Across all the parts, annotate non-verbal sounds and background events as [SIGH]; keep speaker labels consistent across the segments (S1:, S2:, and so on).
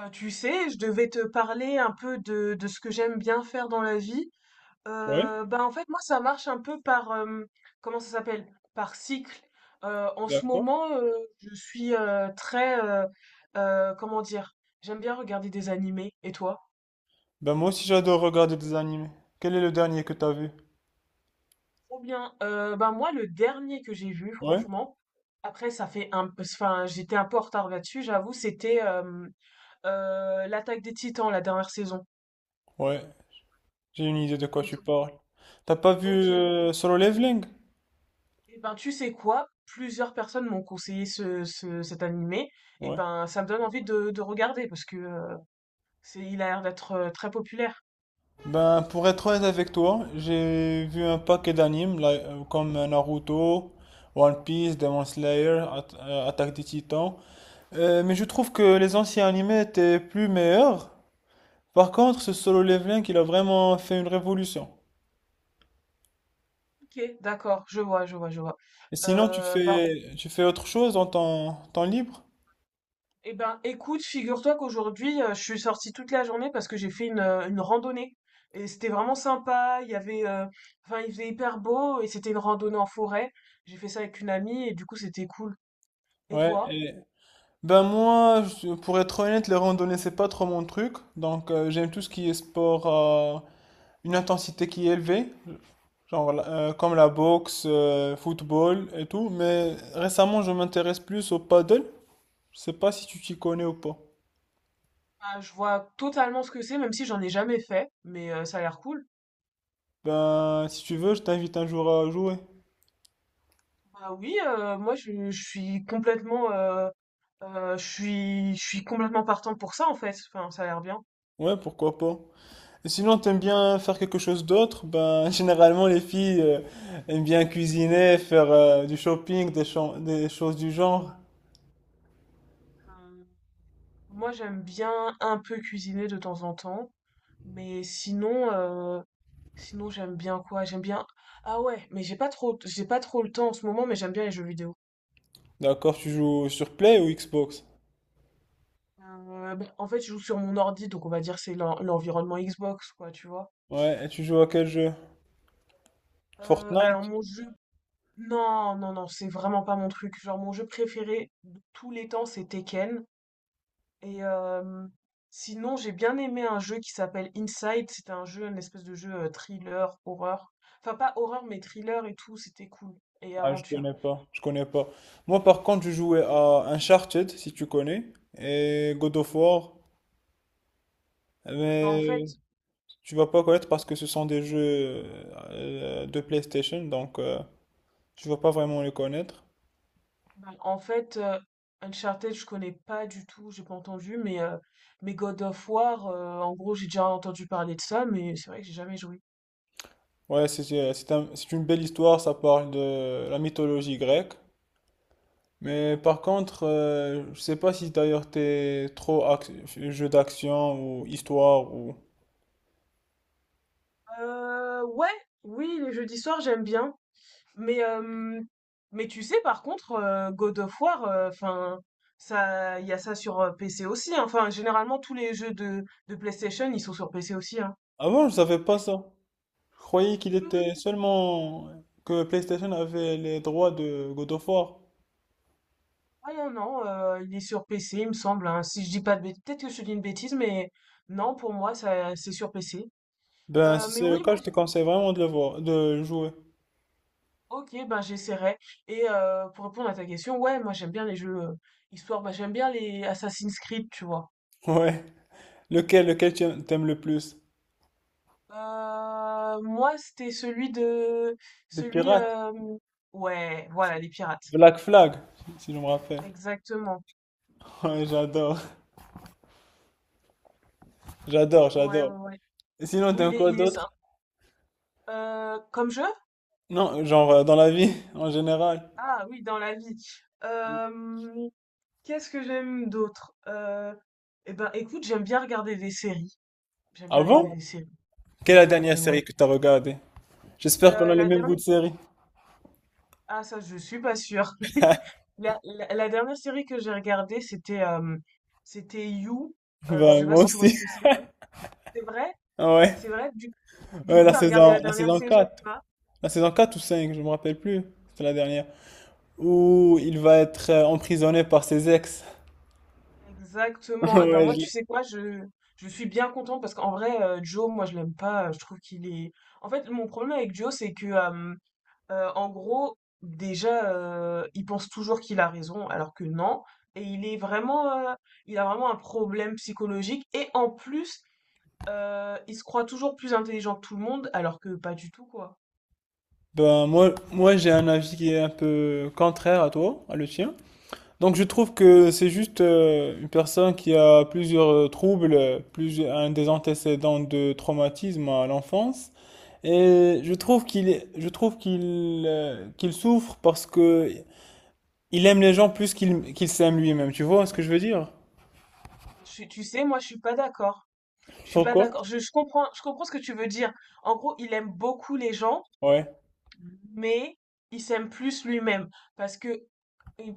S1: Je devais te parler un peu de ce que j'aime bien faire dans la vie.
S2: Ouais,
S1: Moi, ça marche un peu par, comment ça s'appelle? Par cycle. En ce
S2: d'accord.
S1: moment, je suis très, comment dire? J'aime bien regarder des animés. Et toi?
S2: Ben moi aussi j'adore regarder des animés. Quel est le dernier que t'as vu?
S1: Trop bien. Bah moi, le dernier que j'ai vu,
S2: Ouais,
S1: franchement, après, ça fait un, enfin, j'étais un peu en retard là-dessus, j'avoue, c'était l'Attaque des Titans, la dernière saison.
S2: ouais, j'ai une idée de quoi
S1: Et
S2: tu
S1: tout.
S2: parles. T'as pas vu
S1: Ok.
S2: Solo Leveling?
S1: Et ben, tu sais quoi? Plusieurs personnes m'ont conseillé cet animé. Et
S2: Ouais,
S1: ben, ça me donne envie de regarder parce que c'est, il a l'air d'être très populaire.
S2: ben pour être honnête avec toi, j'ai vu un paquet d'animes là, comme Naruto, One Piece, Demon Slayer, Attaque des Titans. Mais je trouve que les anciens animés étaient plus meilleurs. Par contre, ce Solo Leveling, il a vraiment fait une révolution.
S1: Ok, d'accord, je vois, je vois, je vois.
S2: Et sinon,
S1: Euh, ben,
S2: tu fais autre chose en temps libre?
S1: eh ben, écoute, figure-toi qu'aujourd'hui, je suis sortie toute la journée parce que j'ai fait une randonnée. Et c'était vraiment sympa. Il y avait, enfin, Il faisait hyper beau et c'était une randonnée en forêt. J'ai fait ça avec une amie et du coup, c'était cool. Et
S2: Ouais,
S1: toi?
S2: et ben moi, je- pour être honnête, les randonnées, c'est pas trop mon truc. Donc, j'aime tout ce qui est sport à une intensité qui est élevée, genre comme la boxe, football et tout. Mais récemment, je m'intéresse plus au paddle. Je sais pas si tu t'y connais ou pas.
S1: Ah, je vois totalement ce que c'est, même si j'en ai jamais fait, mais ça a l'air cool.
S2: Ben, si tu veux, je t'invite un jour à jouer.
S1: Bah oui, moi je suis complètement, je suis complètement partant pour ça en fait, enfin ça a l'air bien.
S2: Ouais, pourquoi pas. Et sinon, t'aimes bien faire quelque chose d'autre? Ben, [LAUGHS] généralement, les filles aiment bien cuisiner, faire du shopping, des, des choses du genre.
S1: Heu, Moi j'aime bien un peu cuisiner de temps en temps, mais sinon, sinon j'aime bien quoi? J'aime bien ah ouais, mais j'ai pas trop le temps en ce moment, mais j'aime bien les jeux vidéo.
S2: D'accord, tu joues sur Play ou Xbox?
S1: En fait je joue sur mon ordi, donc on va dire c'est l'environnement Xbox quoi, tu vois?
S2: Ouais, et tu joues à quel jeu?
S1: Alors
S2: Fortnite?
S1: mon jeu non, non, non, c'est vraiment pas mon truc. Genre mon jeu préféré de tous les temps, c'est Tekken. Et euh, Sinon, j'ai bien aimé un jeu qui s'appelle Inside. C'était un jeu, une espèce de jeu thriller, horreur. Enfin, pas horreur, mais thriller et tout. C'était cool. Et
S2: Ah, je
S1: aventure.
S2: connais pas, je connais pas. Moi, par contre, je jouais à Uncharted, si tu connais, et God of War,
S1: Bah, en
S2: mais
S1: fait,
S2: tu vas pas connaître parce que ce sont des jeux de PlayStation, donc tu vas pas vraiment les connaître.
S1: bah, en fait, Uncharted, je connais pas du tout. J'ai pas entendu. Mais God of War, en gros, j'ai déjà entendu parler de ça. Mais c'est vrai que j'ai jamais joué.
S2: Ouais, c'est un- c'est une belle histoire, ça parle de la mythologie grecque. Mais par contre, je sais pas si d'ailleurs t'es trop jeu d'action ou histoire ou…
S1: Euh, ouais, oui, les jeudis soirs, j'aime bien. Mais, euh, mais tu sais, par contre, God of War, enfin, ça, il y a ça sur PC aussi, hein. Enfin, généralement, tous les jeux de PlayStation, ils sont sur PC aussi, hein.
S2: Avant, je savais pas ça. Je croyais qu'il
S1: Oui,
S2: était
S1: oui.
S2: seulement que PlayStation avait les droits de God of War.
S1: Ah non, non, il est sur PC, il me semble, hein. Si je dis pas de bêtises, peut-être que je te dis une bêtise, mais non, pour moi, ça, c'est sur PC.
S2: Ben,
S1: Euh,
S2: si
S1: mais
S2: c'est le
S1: oui, moi,
S2: cas, je te
S1: j'ai-
S2: conseille vraiment de le voir, de le jouer. [LAUGHS]
S1: ok, ben j'essaierai. Pour répondre à ta question, ouais, moi j'aime bien les jeux histoire, bah, j'aime bien les Assassin's Creed, tu vois.
S2: Ouais. Lequel t'aimes le plus?
S1: Moi, c'était celui de...
S2: Les
S1: Celui...
S2: pirates?
S1: euh, Ouais, voilà, les pirates.
S2: Black Flag, si je me rappelle.
S1: Exactement.
S2: [LAUGHS] Ouais, j'adore. J'adore,
S1: Ouais,
S2: j'adore.
S1: ouais, ouais.
S2: Et sinon,
S1: Oui,
S2: t'aimes quoi
S1: il est ça.
S2: d'autre?
S1: Comme jeu?
S2: Non, genre dans la vie, en général.
S1: Ah oui, dans la vie. Euh, Qu'est-ce que j'aime d'autre? Eh ben, écoute, j'aime bien regarder des séries. J'aime bien regarder
S2: Avant?
S1: des séries.
S2: Quelle est la
S1: Ouais,
S2: dernière
S1: ouais, ouais.
S2: série que tu as regardée? J'espère qu'on a
S1: Euh,
S2: les
S1: la
S2: mêmes goûts
S1: dernière...
S2: de série.
S1: Ah, ça, je suis pas sûre. [LAUGHS] La dernière série que j'ai regardée, c'était You.
S2: [LAUGHS]
S1: Je
S2: Bah,
S1: sais pas
S2: moi
S1: si tu vois
S2: aussi.
S1: ce que c'est. C'est vrai?
S2: [LAUGHS] Ouais,
S1: C'est vrai? Du, du
S2: ouais,
S1: coup, t'as regardé la
S2: la
S1: dernière
S2: saison
S1: saison ou
S2: quatre.
S1: pas?
S2: La saison 4 ou 5, je me rappelle plus. C'était la dernière. Où il va être emprisonné par ses ex. [LAUGHS]
S1: Exactement. Et ben
S2: Ouais, je
S1: moi, tu
S2: l'ai-
S1: sais quoi, je suis bien contente parce qu'en vrai, Joe, moi, je l'aime pas. Je trouve qu'il est. En fait, mon problème avec Joe, c'est que, en gros, déjà, il pense toujours qu'il a raison, alors que non. Et il est vraiment, il a vraiment un problème psychologique. Et en plus, il se croit toujours plus intelligent que tout le monde, alors que pas du tout, quoi.
S2: Ben, moi j'ai un avis qui est un peu contraire à toi, à le tien. Donc je trouve que c'est juste une personne qui a plusieurs troubles, plus un des antécédents de traumatisme à l'enfance. Et je trouve je trouve qu'il qu'il souffre parce que il aime les gens plus qu'il s'aime lui-même. Tu vois ce que je veux dire?
S1: Je Tu sais, moi, je suis pas d'accord. Je suis pas
S2: Pourquoi?
S1: d'accord. Je comprends, je comprends ce que tu veux dire. En gros, il aime beaucoup les gens,
S2: Ouais.
S1: mais il s'aime plus lui-même. Parce que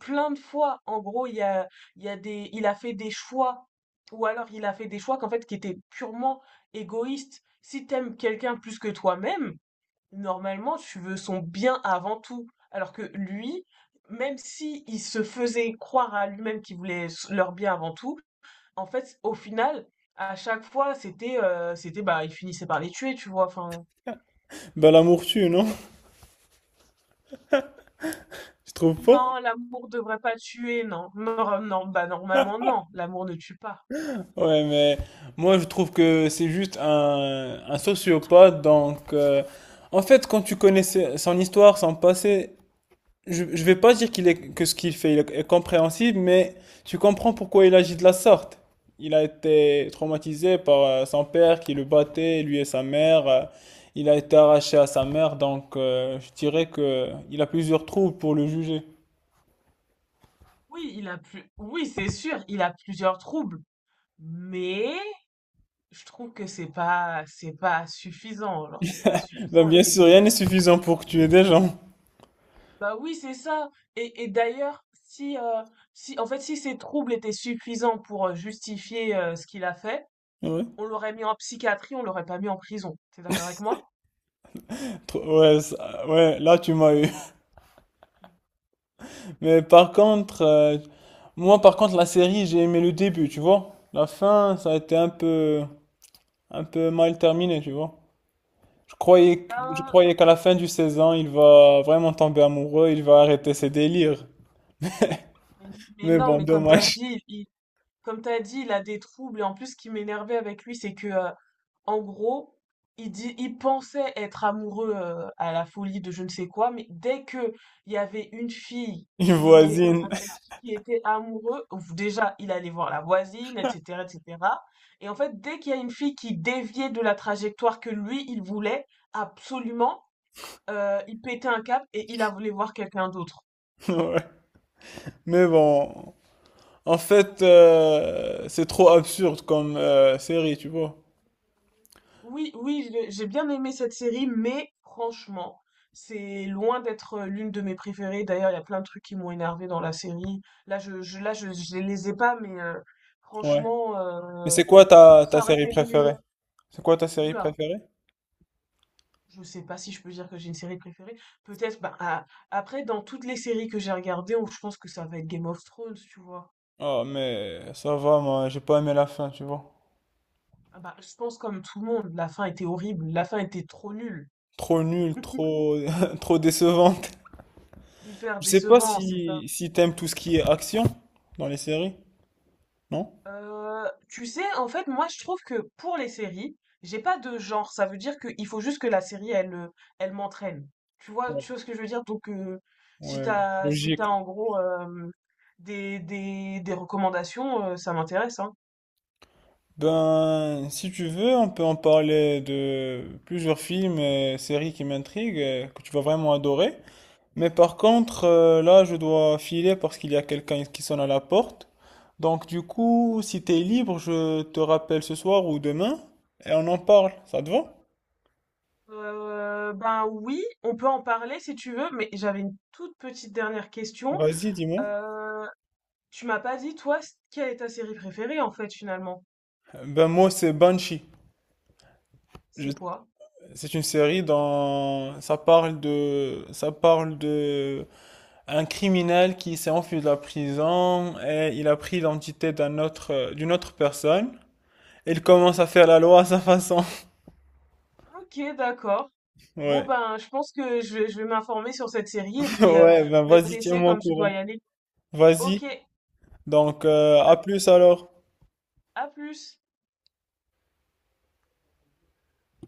S1: plein de fois, en gros, il y a des, il a fait des choix, ou alors il a fait des choix qu'en fait, qui étaient purement égoïstes. Si t'aimes quelqu'un plus que toi-même, normalement, tu veux son bien avant tout. Alors que lui, même si il se faisait croire à lui-même qu'il voulait leur bien avant tout, en fait, au final, à chaque fois, il finissait par les tuer, tu vois? Enfin,
S2: Ben l'amour tue, non? [LAUGHS] Je trouve pas?
S1: non, l'amour devrait pas tuer, non. Non, non, bah, normalement, non, l'amour ne tue pas.
S2: Ouais, mais moi je trouve que c'est juste un sociopathe. Donc en fait, quand tu connais son histoire, son passé. Je vais pas dire qu'il est, que ce qu'il fait il est compréhensible, mais tu comprends pourquoi il agit de la sorte. Il a été traumatisé par son père qui le battait, lui et sa mère. Il a été arraché à sa mère, donc je dirais que il a plusieurs trous pour le juger.
S1: Oui, c'est sûr, il a plusieurs troubles, mais je trouve que c'est pas suffisant. Alors c'est pas
S2: Ben,
S1: suffisant,
S2: bien
S1: il est
S2: sûr, rien n'est suffisant pour tuer des gens.
S1: bah, oui, c'est ça et d'ailleurs, si, si en fait, si ces troubles étaient suffisants pour, justifier, ce qu'il a fait,
S2: Ouais.
S1: on l'aurait mis en psychiatrie, on l'aurait pas mis en prison. T'es d'accord avec moi?
S2: Ouais, ouais, là tu m'as eu. Mais par contre, moi par contre la série j'ai aimé le début, tu vois. La fin ça a été un peu mal terminé, tu vois. Je
S1: Ben,
S2: croyais qu'à la fin du saison il va vraiment tomber amoureux, il va arrêter ses délires.
S1: mais, mais
S2: Mais
S1: non,
S2: bon,
S1: mais comme t'as
S2: dommage,
S1: dit, il, Comme t'as dit, il a des troubles. Et en plus, ce qui m'énervait avec lui, c'est que, en gros, il pensait être amoureux à la folie de je ne sais quoi, mais dès que il y avait une fille
S2: il
S1: qu'il était,
S2: voisine.
S1: avec qui il était amoureux, ouf, déjà, il allait voir la voisine, etc., etc. Et cetera. Et en fait, dès qu'il y a une fille qui déviait de la trajectoire que lui, il voulait absolument, il pétait un cap et il a voulu voir quelqu'un d'autre.
S2: [LAUGHS] Ouais. Mais bon, en fait, c'est trop absurde comme série, tu vois.
S1: Oui, oui, j'ai bien aimé cette série, mais franchement, c'est loin d'être l'une de mes préférées. D'ailleurs, il y a plein de trucs qui m'ont énervé dans la série. Là, je Les ai pas, mais euh,
S2: Ouais.
S1: franchement,
S2: Mais
S1: euh,
S2: c'est quoi ta
S1: ça aurait
S2: série
S1: pu être mieux.
S2: préférée? C'est quoi ta série
S1: Oula,
S2: préférée?
S1: je sais pas si je peux dire que j'ai une série préférée. Peut-être, bah, ah, Après, dans toutes les séries que j'ai regardées, je pense que ça va être Game of Thrones, tu vois.
S2: Oh, mais ça va, moi, j'ai pas aimé la fin, tu vois.
S1: Ah bah, je pense comme tout le monde, la fin était horrible, la fin était trop nulle.
S2: Trop nulle,
S1: [LAUGHS]
S2: trop, [LAUGHS] trop décevante.
S1: Hyper
S2: Je sais pas
S1: décevant, c'est ça.
S2: si, si t'aimes tout ce qui est action dans les séries, non?
S1: Tu sais, en fait, Moi, je trouve que pour les séries, j'ai pas de genre. Ça veut dire qu'il faut juste que la série, elle m'entraîne. Tu vois ce que je veux dire? Donc, euh, si
S2: Ouais,
S1: t'as, si
S2: logique.
S1: t'as en gros des recommandations, ça m'intéresse, hein.
S2: Ben, si tu veux, on peut en parler de plusieurs films et séries qui m'intriguent et que tu vas vraiment adorer. Mais par contre, là, je dois filer parce qu'il y a quelqu'un qui sonne à la porte. Donc, du coup, si t'es libre, je te rappelle ce soir ou demain et on en parle. Ça te va?
S1: Ben oui, on peut en parler si tu veux, mais j'avais une toute petite dernière question.
S2: Vas-y, dis-moi.
S1: Euh, Tu m'as pas dit, toi, quelle est ta série préférée, en fait, finalement?
S2: Ben, moi, c'est Banshee. Je-
S1: C'est quoi?
S2: C'est une série dans, ça parle de un criminel qui s'est enfui de la prison et il a pris l'identité d'un autre, d'une autre personne. Il commence à faire la loi à sa façon.
S1: Ok, d'accord.
S2: [LAUGHS]
S1: Bon,
S2: Ouais.
S1: ben, je pense que je vais m'informer sur cette série et puis
S2: [LAUGHS] Ouais, ben
S1: je vais te
S2: vas-y,
S1: laisser
S2: tiens-moi au
S1: comme tu dois y
S2: courant.
S1: aller.
S2: Vas-y.
S1: Ok,
S2: Donc, à
S1: à
S2: plus alors.
S1: à plus.